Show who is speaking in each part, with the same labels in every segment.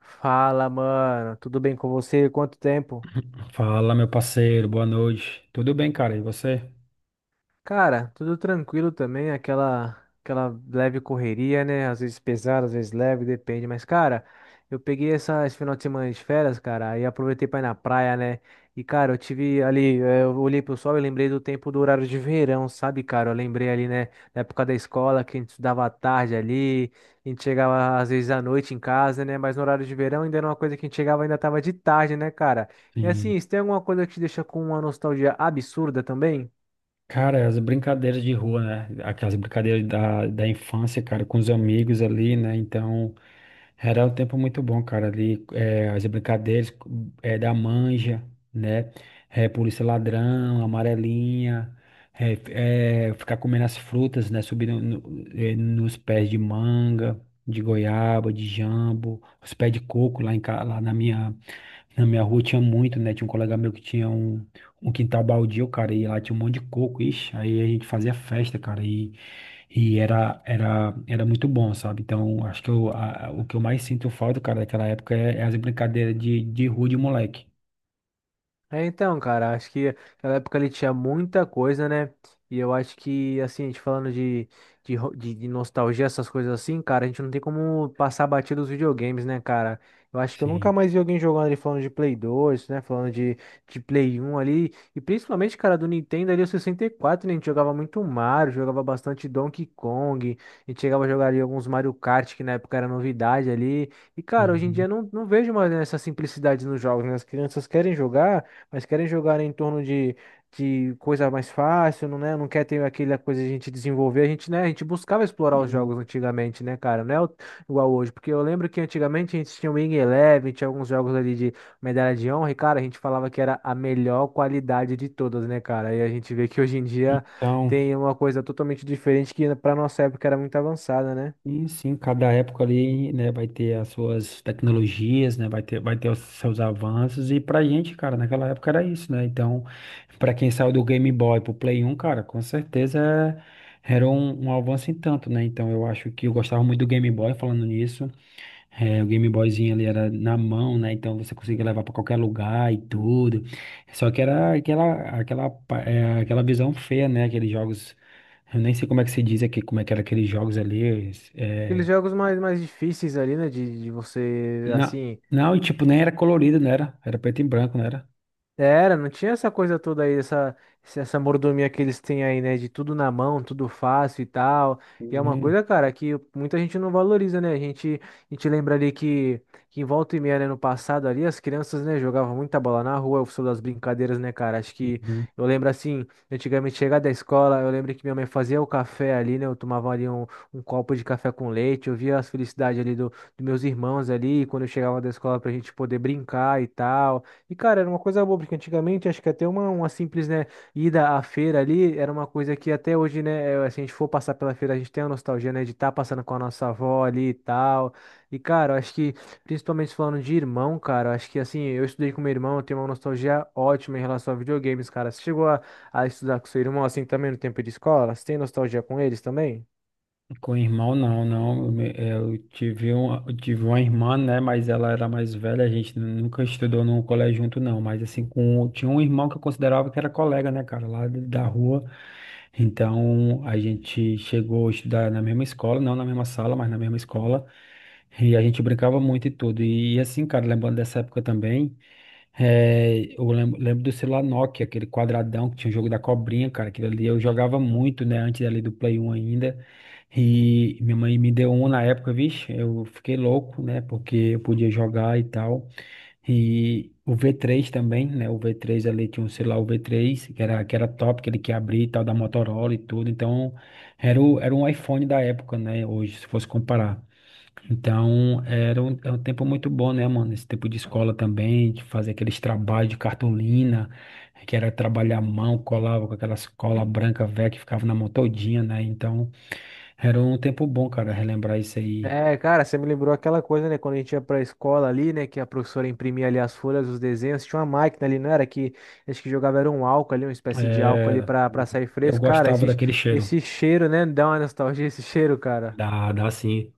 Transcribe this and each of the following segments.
Speaker 1: Fala, mano. Tudo bem com você? Quanto tempo?
Speaker 2: Fala, meu parceiro, boa noite. Tudo bem, cara? E você?
Speaker 1: Cara, tudo tranquilo também, aquela leve correria, né? Às vezes pesada, às vezes leve, depende. Mas, cara, eu peguei esse final de semana de férias, cara, e aproveitei pra ir na praia, né? E, cara, eu tive ali, eu olhei pro sol e lembrei do tempo do horário de verão, sabe, cara? Eu lembrei ali, né, da época da escola, que a gente estudava à tarde ali, a gente chegava às vezes à noite em casa, né? Mas no horário de verão ainda era uma coisa que a gente chegava e ainda tava de tarde, né, cara? E
Speaker 2: Sim.
Speaker 1: assim, se tem alguma coisa que te deixa com uma nostalgia absurda também?
Speaker 2: Cara, as brincadeiras de rua, né? Aquelas brincadeiras da infância, cara, com os amigos ali, né? Então, era um tempo muito bom, cara, ali, é, as brincadeiras é, da manja, né? É, polícia ladrão, amarelinha, ficar comendo as frutas, né? Subindo nos pés de manga, de goiaba, de jambo, os pés de coco lá. Na minha rua tinha muito, né? Tinha um colega meu que tinha um quintal baldio, cara, e lá tinha um monte de coco, ixi, aí a gente fazia festa, cara, e era muito bom, sabe? Então, acho que o que eu mais sinto falta, cara, daquela época é as brincadeiras de rua de moleque.
Speaker 1: É, então, cara, acho que naquela época ele tinha muita coisa, né? E eu acho que, assim, a gente falando de nostalgia, essas coisas assim, cara, a gente não tem como passar batido os videogames, né, cara? Eu acho que eu nunca
Speaker 2: Sim.
Speaker 1: mais vi alguém jogando ali falando de Play 2, né? De Play 1 ali. E principalmente, cara, do Nintendo ali, o 64, né? A gente jogava muito Mario, jogava bastante Donkey Kong. A gente chegava a jogar ali alguns Mario Kart, que na época era novidade ali. E, cara, hoje em dia
Speaker 2: Uhum.
Speaker 1: eu não vejo mais né, essa simplicidade nos jogos, né? As crianças querem jogar. Mas querem jogar em torno de coisa mais fácil, não, né? Não quer ter aquela coisa de a gente desenvolver. A gente, né? A gente buscava explorar os jogos
Speaker 2: Sim.
Speaker 1: antigamente, né, cara? Não é o- igual hoje. Porque eu lembro que antigamente a gente tinha o Wing Eleven, tinha alguns jogos ali de medalha de honra, e, cara, a gente falava que era a melhor qualidade de todas, né, cara? E a gente vê que hoje em dia
Speaker 2: Então.
Speaker 1: tem uma coisa totalmente diferente que pra nossa época era muito avançada, né?
Speaker 2: Sim, sim, cada época ali, né, vai ter as suas tecnologias, né, vai ter os seus avanços, e pra gente, cara, naquela época era isso, né, então, pra quem saiu do Game Boy pro Play 1, cara, com certeza era um avanço em tanto, né, então eu acho que eu gostava muito do Game Boy falando nisso, é, o Game Boyzinho ali era na mão, né? Então você conseguia levar pra qualquer lugar e tudo. Só que era aquela visão feia, né? Aqueles jogos. Eu nem sei como é que se diz aqui, como é que era aqueles jogos ali.
Speaker 1: Aqueles
Speaker 2: É,
Speaker 1: jogos mais difíceis ali, né? De você,
Speaker 2: não,
Speaker 1: assim.
Speaker 2: não, e tipo, nem era colorido, não era? Era preto e branco, não era?
Speaker 1: Era, não tinha essa coisa toda aí, essa mordomia que eles têm aí, né? De tudo na mão, tudo fácil e tal. E é uma
Speaker 2: Hum,
Speaker 1: coisa, cara, que muita gente não valoriza, né? A gente lembra ali que em volta e meia, né, no passado ali, as crianças, né, jogavam muita bola na rua, o som das brincadeiras, né, cara? Acho que
Speaker 2: uhum.
Speaker 1: eu lembro assim, antigamente chegar da escola, eu lembro que minha mãe fazia o café ali, né? Eu tomava ali um copo de café com leite, eu via as felicidades ali dos meus irmãos ali, quando eu chegava da escola pra gente poder brincar e tal. E, cara, era uma coisa boa, porque antigamente acho que até uma simples, né, ida à feira ali era uma coisa que até hoje, né, é, se a gente for passar pela feira, a gente tem a nostalgia, né, de estar passando com a nossa avó ali e tal. E, cara, eu acho que, principalmente falando de irmão, cara, eu acho que, assim, eu estudei com meu irmão, eu tenho uma nostalgia ótima em relação a videogames, cara. Você chegou a estudar com seu irmão, assim, também no tempo de escola? Você tem nostalgia com eles também?
Speaker 2: Com irmão, não, não. Eu, me- eu tive um, eu tive uma irmã, né? Mas ela era mais velha, a gente nunca estudou num colégio junto, não. Mas assim, tinha um irmão que eu considerava que era colega, né, cara, lá da rua. Então, a gente chegou a estudar na mesma escola, não na mesma sala, mas na mesma escola. E a gente brincava muito e tudo. E assim, cara, lembrando dessa época também. É, eu lembro do celular Nokia, aquele quadradão que tinha o jogo da cobrinha, cara. Aquilo ali eu jogava muito, né? Antes ali do Play 1 ainda. E minha mãe me deu um na época, vixe. Eu fiquei louco, né? Porque eu podia jogar e tal. E o V3 também, né? O V3 ali tinha um celular, o V3, que era top, que ele que abria e tal, da Motorola e tudo. Então, era um iPhone da época, né? Hoje, se fosse comparar. Então, era um, é um tempo muito bom, né, mano? Esse tempo de escola também, de fazer aqueles trabalhos de cartolina, que era trabalhar a mão, colava com aquelas cola branca velha que ficava na mão todinha, né? Então, era um tempo bom, cara, relembrar isso aí.
Speaker 1: É, cara, você me lembrou aquela coisa, né? Quando a gente ia pra escola ali, né? Que a professora imprimia ali as folhas, os desenhos. Tinha uma máquina ali, não era? Que acho que jogava era um álcool ali, uma espécie de álcool ali
Speaker 2: Era.
Speaker 1: pra sair
Speaker 2: Eu
Speaker 1: fresco. Cara,
Speaker 2: gostava daquele cheiro,
Speaker 1: esse cheiro, né? Dá uma nostalgia esse cheiro, cara.
Speaker 2: dá sim,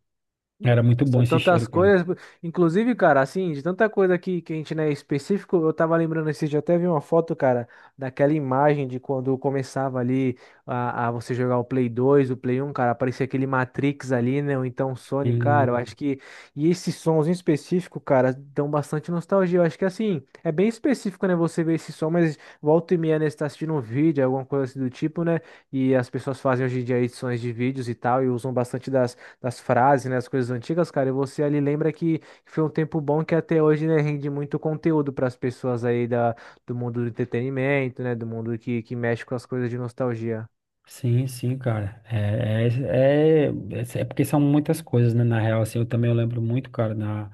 Speaker 2: era muito bom
Speaker 1: São
Speaker 2: esse cheiro,
Speaker 1: tantas
Speaker 2: cara.
Speaker 1: coisas, inclusive, cara, assim, de tanta coisa que a gente não é específico, eu tava lembrando esse dia, eu até vi uma foto, cara, daquela imagem de quando começava ali a você jogar o Play dois, o Play um, cara, aparecia aquele Matrix ali, né, ou então o Sony, cara, eu acho que, e esses sons em específico, cara, dão bastante nostalgia, eu acho que, assim, é bem específico, né, você ver esse som, mas volta e meia, né, você tá assistindo um vídeo, alguma coisa assim do tipo, né, e as pessoas fazem hoje em dia edições de vídeos e tal, e usam bastante das frases, né, as coisas antigas, cara, e você ali lembra que foi um tempo bom que até hoje, né, rende muito conteúdo para as pessoas aí da, do mundo do entretenimento, né, do mundo que mexe com as coisas de nostalgia.
Speaker 2: Sim, sim, cara. É, é, é porque são muitas coisas, né? Na real, assim, eu também eu lembro muito, cara, na,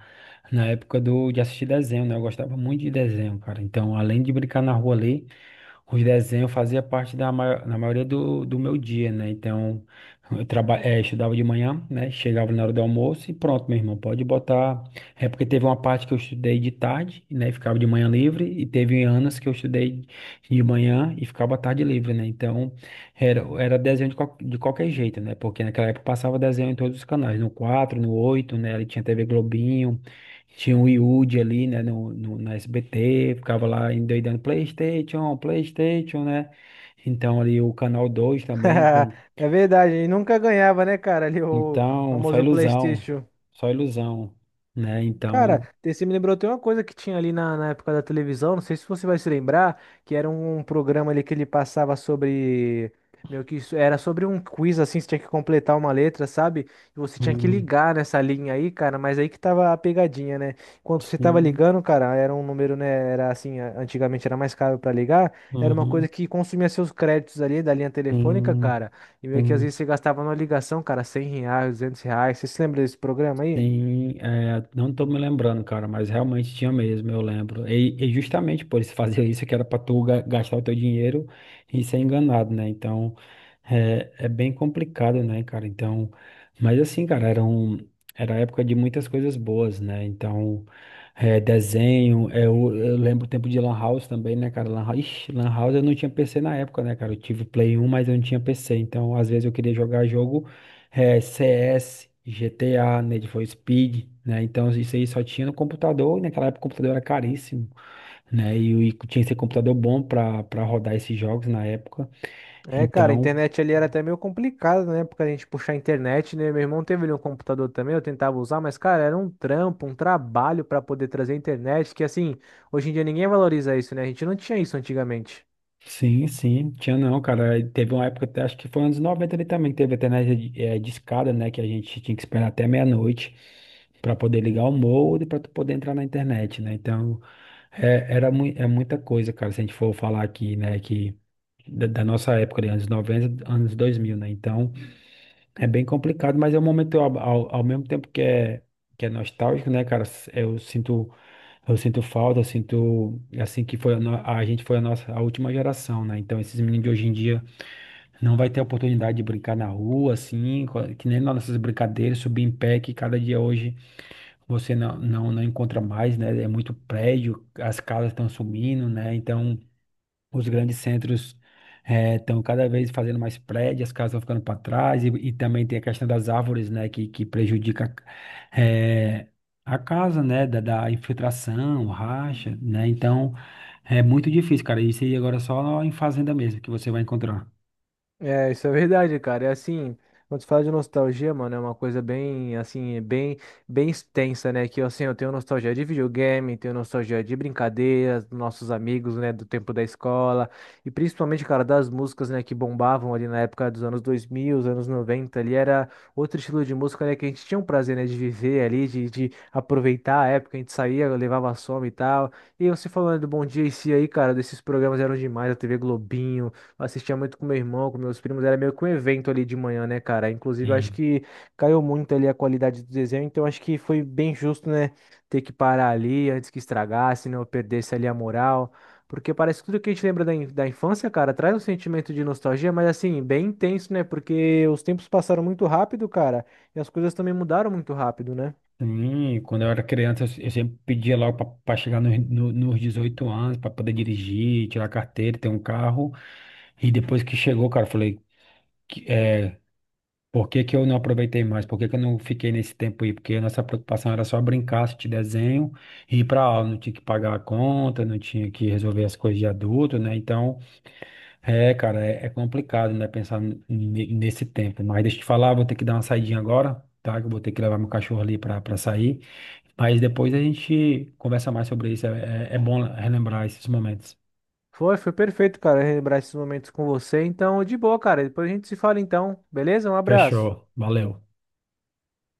Speaker 2: na época de assistir desenho, né? Eu gostava muito de desenho, cara. Então, além de brincar na rua ali, os desenhos fazia parte da maior, na maioria do meu dia, né? Então, eu estudava de manhã, né? Chegava na hora do almoço e pronto, meu irmão, pode botar. É porque teve uma parte que eu estudei de tarde, né? E ficava de manhã livre, e teve anos que eu estudei de manhã e ficava à tarde livre, né? Então, era desenho de qualquer jeito, né? Porque naquela época passava desenho em todos os canais, no quatro, no oito, né? Ele tinha TV Globinho. Tinha um Yude ali, né, no, no, na SBT, ficava lá endoidando PlayStation, PlayStation, né? Então ali o Canal 2 também, com...
Speaker 1: É verdade, e nunca ganhava, né, cara, ali o
Speaker 2: então
Speaker 1: famoso PlayStation.
Speaker 2: só ilusão, né?
Speaker 1: Cara,
Speaker 2: Então,
Speaker 1: você me lembrou até uma coisa que tinha ali na época da televisão, não sei se você vai se lembrar, que era um programa ali que ele passava sobre, meio que isso, era sobre um quiz assim, você tinha que completar uma letra, sabe? E você tinha que
Speaker 2: hum,
Speaker 1: ligar nessa linha aí, cara, mas aí que tava a pegadinha, né? Enquanto você tava
Speaker 2: sim,
Speaker 1: ligando, cara, era um número, né, era assim, antigamente era mais caro pra ligar, era uma coisa
Speaker 2: uhum,
Speaker 1: que consumia seus créditos ali da linha telefônica,
Speaker 2: sim,
Speaker 1: cara, e meio que às
Speaker 2: sim.
Speaker 1: vezes você gastava numa ligação, cara, R$ 100, R$ 200, você se lembra desse programa aí?
Speaker 2: Sim, é, não tô me lembrando, cara, mas realmente tinha mesmo, eu lembro. E justamente por isso fazer isso, que era pra tu gastar o teu dinheiro e ser enganado, né? Então, é bem complicado, né, cara? Então, mas assim, cara, era um, era época de muitas coisas boas, né? Então, é, desenho, é, eu lembro o tempo de Lan House também, né, cara? Lan House, ixi, Lan House eu não tinha PC na época, né, cara? Eu tive Play 1, mas eu não tinha PC, então às vezes eu queria jogar jogo é, CS, GTA, Need for Speed, né? Então isso aí só tinha no computador, e naquela época o computador era caríssimo, né? E, e tinha que ser computador bom para rodar esses jogos na época.
Speaker 1: É, cara, a
Speaker 2: Então,
Speaker 1: internet ali era até meio complicado, né? Porque a gente puxar a internet, né? Meu irmão teve ali um computador também, eu tentava usar, mas, cara, era um trampo, um trabalho pra poder trazer a internet, que assim, hoje em dia ninguém valoriza isso, né? A gente não tinha isso antigamente.
Speaker 2: sim, sim, tinha não, cara. E teve uma época, até acho que foi anos 90, ali também, que teve até né, discada, né? Que a gente tinha que esperar até meia-noite para poder ligar o modem para poder entrar na internet, né? Então. É, é muita coisa, cara, se a gente for falar aqui, né, que da nossa época, de anos 90, anos 2000, né, então é bem complicado, mas é um momento, ao mesmo tempo que é, nostálgico, né, cara, eu sinto falta, eu sinto, assim, que foi a, no- a gente foi a nossa, a última geração, né, então esses meninos de hoje em dia não vai ter oportunidade de brincar na rua, assim, que nem nas nossas brincadeiras, subir em pé, que cada dia hoje você não, não, não encontra mais, né? É muito prédio, as casas estão sumindo, né? Então, os grandes centros estão cada vez fazendo mais prédios, as casas estão ficando para trás, e também tem a questão das árvores, né? Que prejudica eh, a casa, né? Da infiltração, racha, né? Então, é muito difícil, cara. Isso aí agora é só em fazenda mesmo que você vai encontrar.
Speaker 1: É, isso é verdade, cara. É assim, quando se fala de nostalgia, mano, é uma coisa bem, assim, bem, bem extensa, né? Que, assim, eu tenho nostalgia de videogame, tenho nostalgia de brincadeiras, dos nossos amigos, né, do tempo da escola, e principalmente, cara, das músicas, né, que bombavam ali na época dos anos 2000, os anos 90, ali era outro estilo de música, né, que a gente tinha um prazer, né, de viver ali, de aproveitar a época, a gente saía, levava som e tal. E você falando do Bom Dia e Si aí, cara, desses programas eram demais, a TV Globinho, eu assistia muito com meu irmão, com meus primos, era meio que um evento ali de manhã, né, cara? Inclusive, eu acho que caiu muito ali a qualidade do desenho, então acho que foi bem justo, né, ter que parar ali antes que estragasse, né, ou perdesse ali a moral. Porque parece que tudo que a gente lembra da infância, cara, traz um sentimento de nostalgia, mas assim, bem intenso, né? Porque os tempos passaram muito rápido, cara, e as coisas também mudaram muito rápido, né?
Speaker 2: Sim, quando eu era criança, eu sempre pedia logo para chegar nos, no- nos 18 anos, para poder dirigir, tirar carteira, ter um carro. E depois que chegou, cara, eu falei, que- é, por que que eu não aproveitei mais? Por que que eu não fiquei nesse tempo aí? Porque a nossa preocupação era só brincar, assistir desenho, ir para aula. Não tinha que pagar a conta, não tinha que resolver as coisas de adulto, né? Então, é, cara, é complicado, né, pensar nesse tempo. Mas deixa eu te falar, vou ter que dar uma saidinha agora, tá? Que eu vou ter que levar meu cachorro ali pra sair. Mas depois a gente conversa mais sobre isso. É, é bom relembrar esses momentos.
Speaker 1: Foi, foi perfeito, cara, relembrar esses momentos com você. Então, de boa, cara. Depois a gente se fala então, beleza? Um abraço.
Speaker 2: Fechou. Valeu.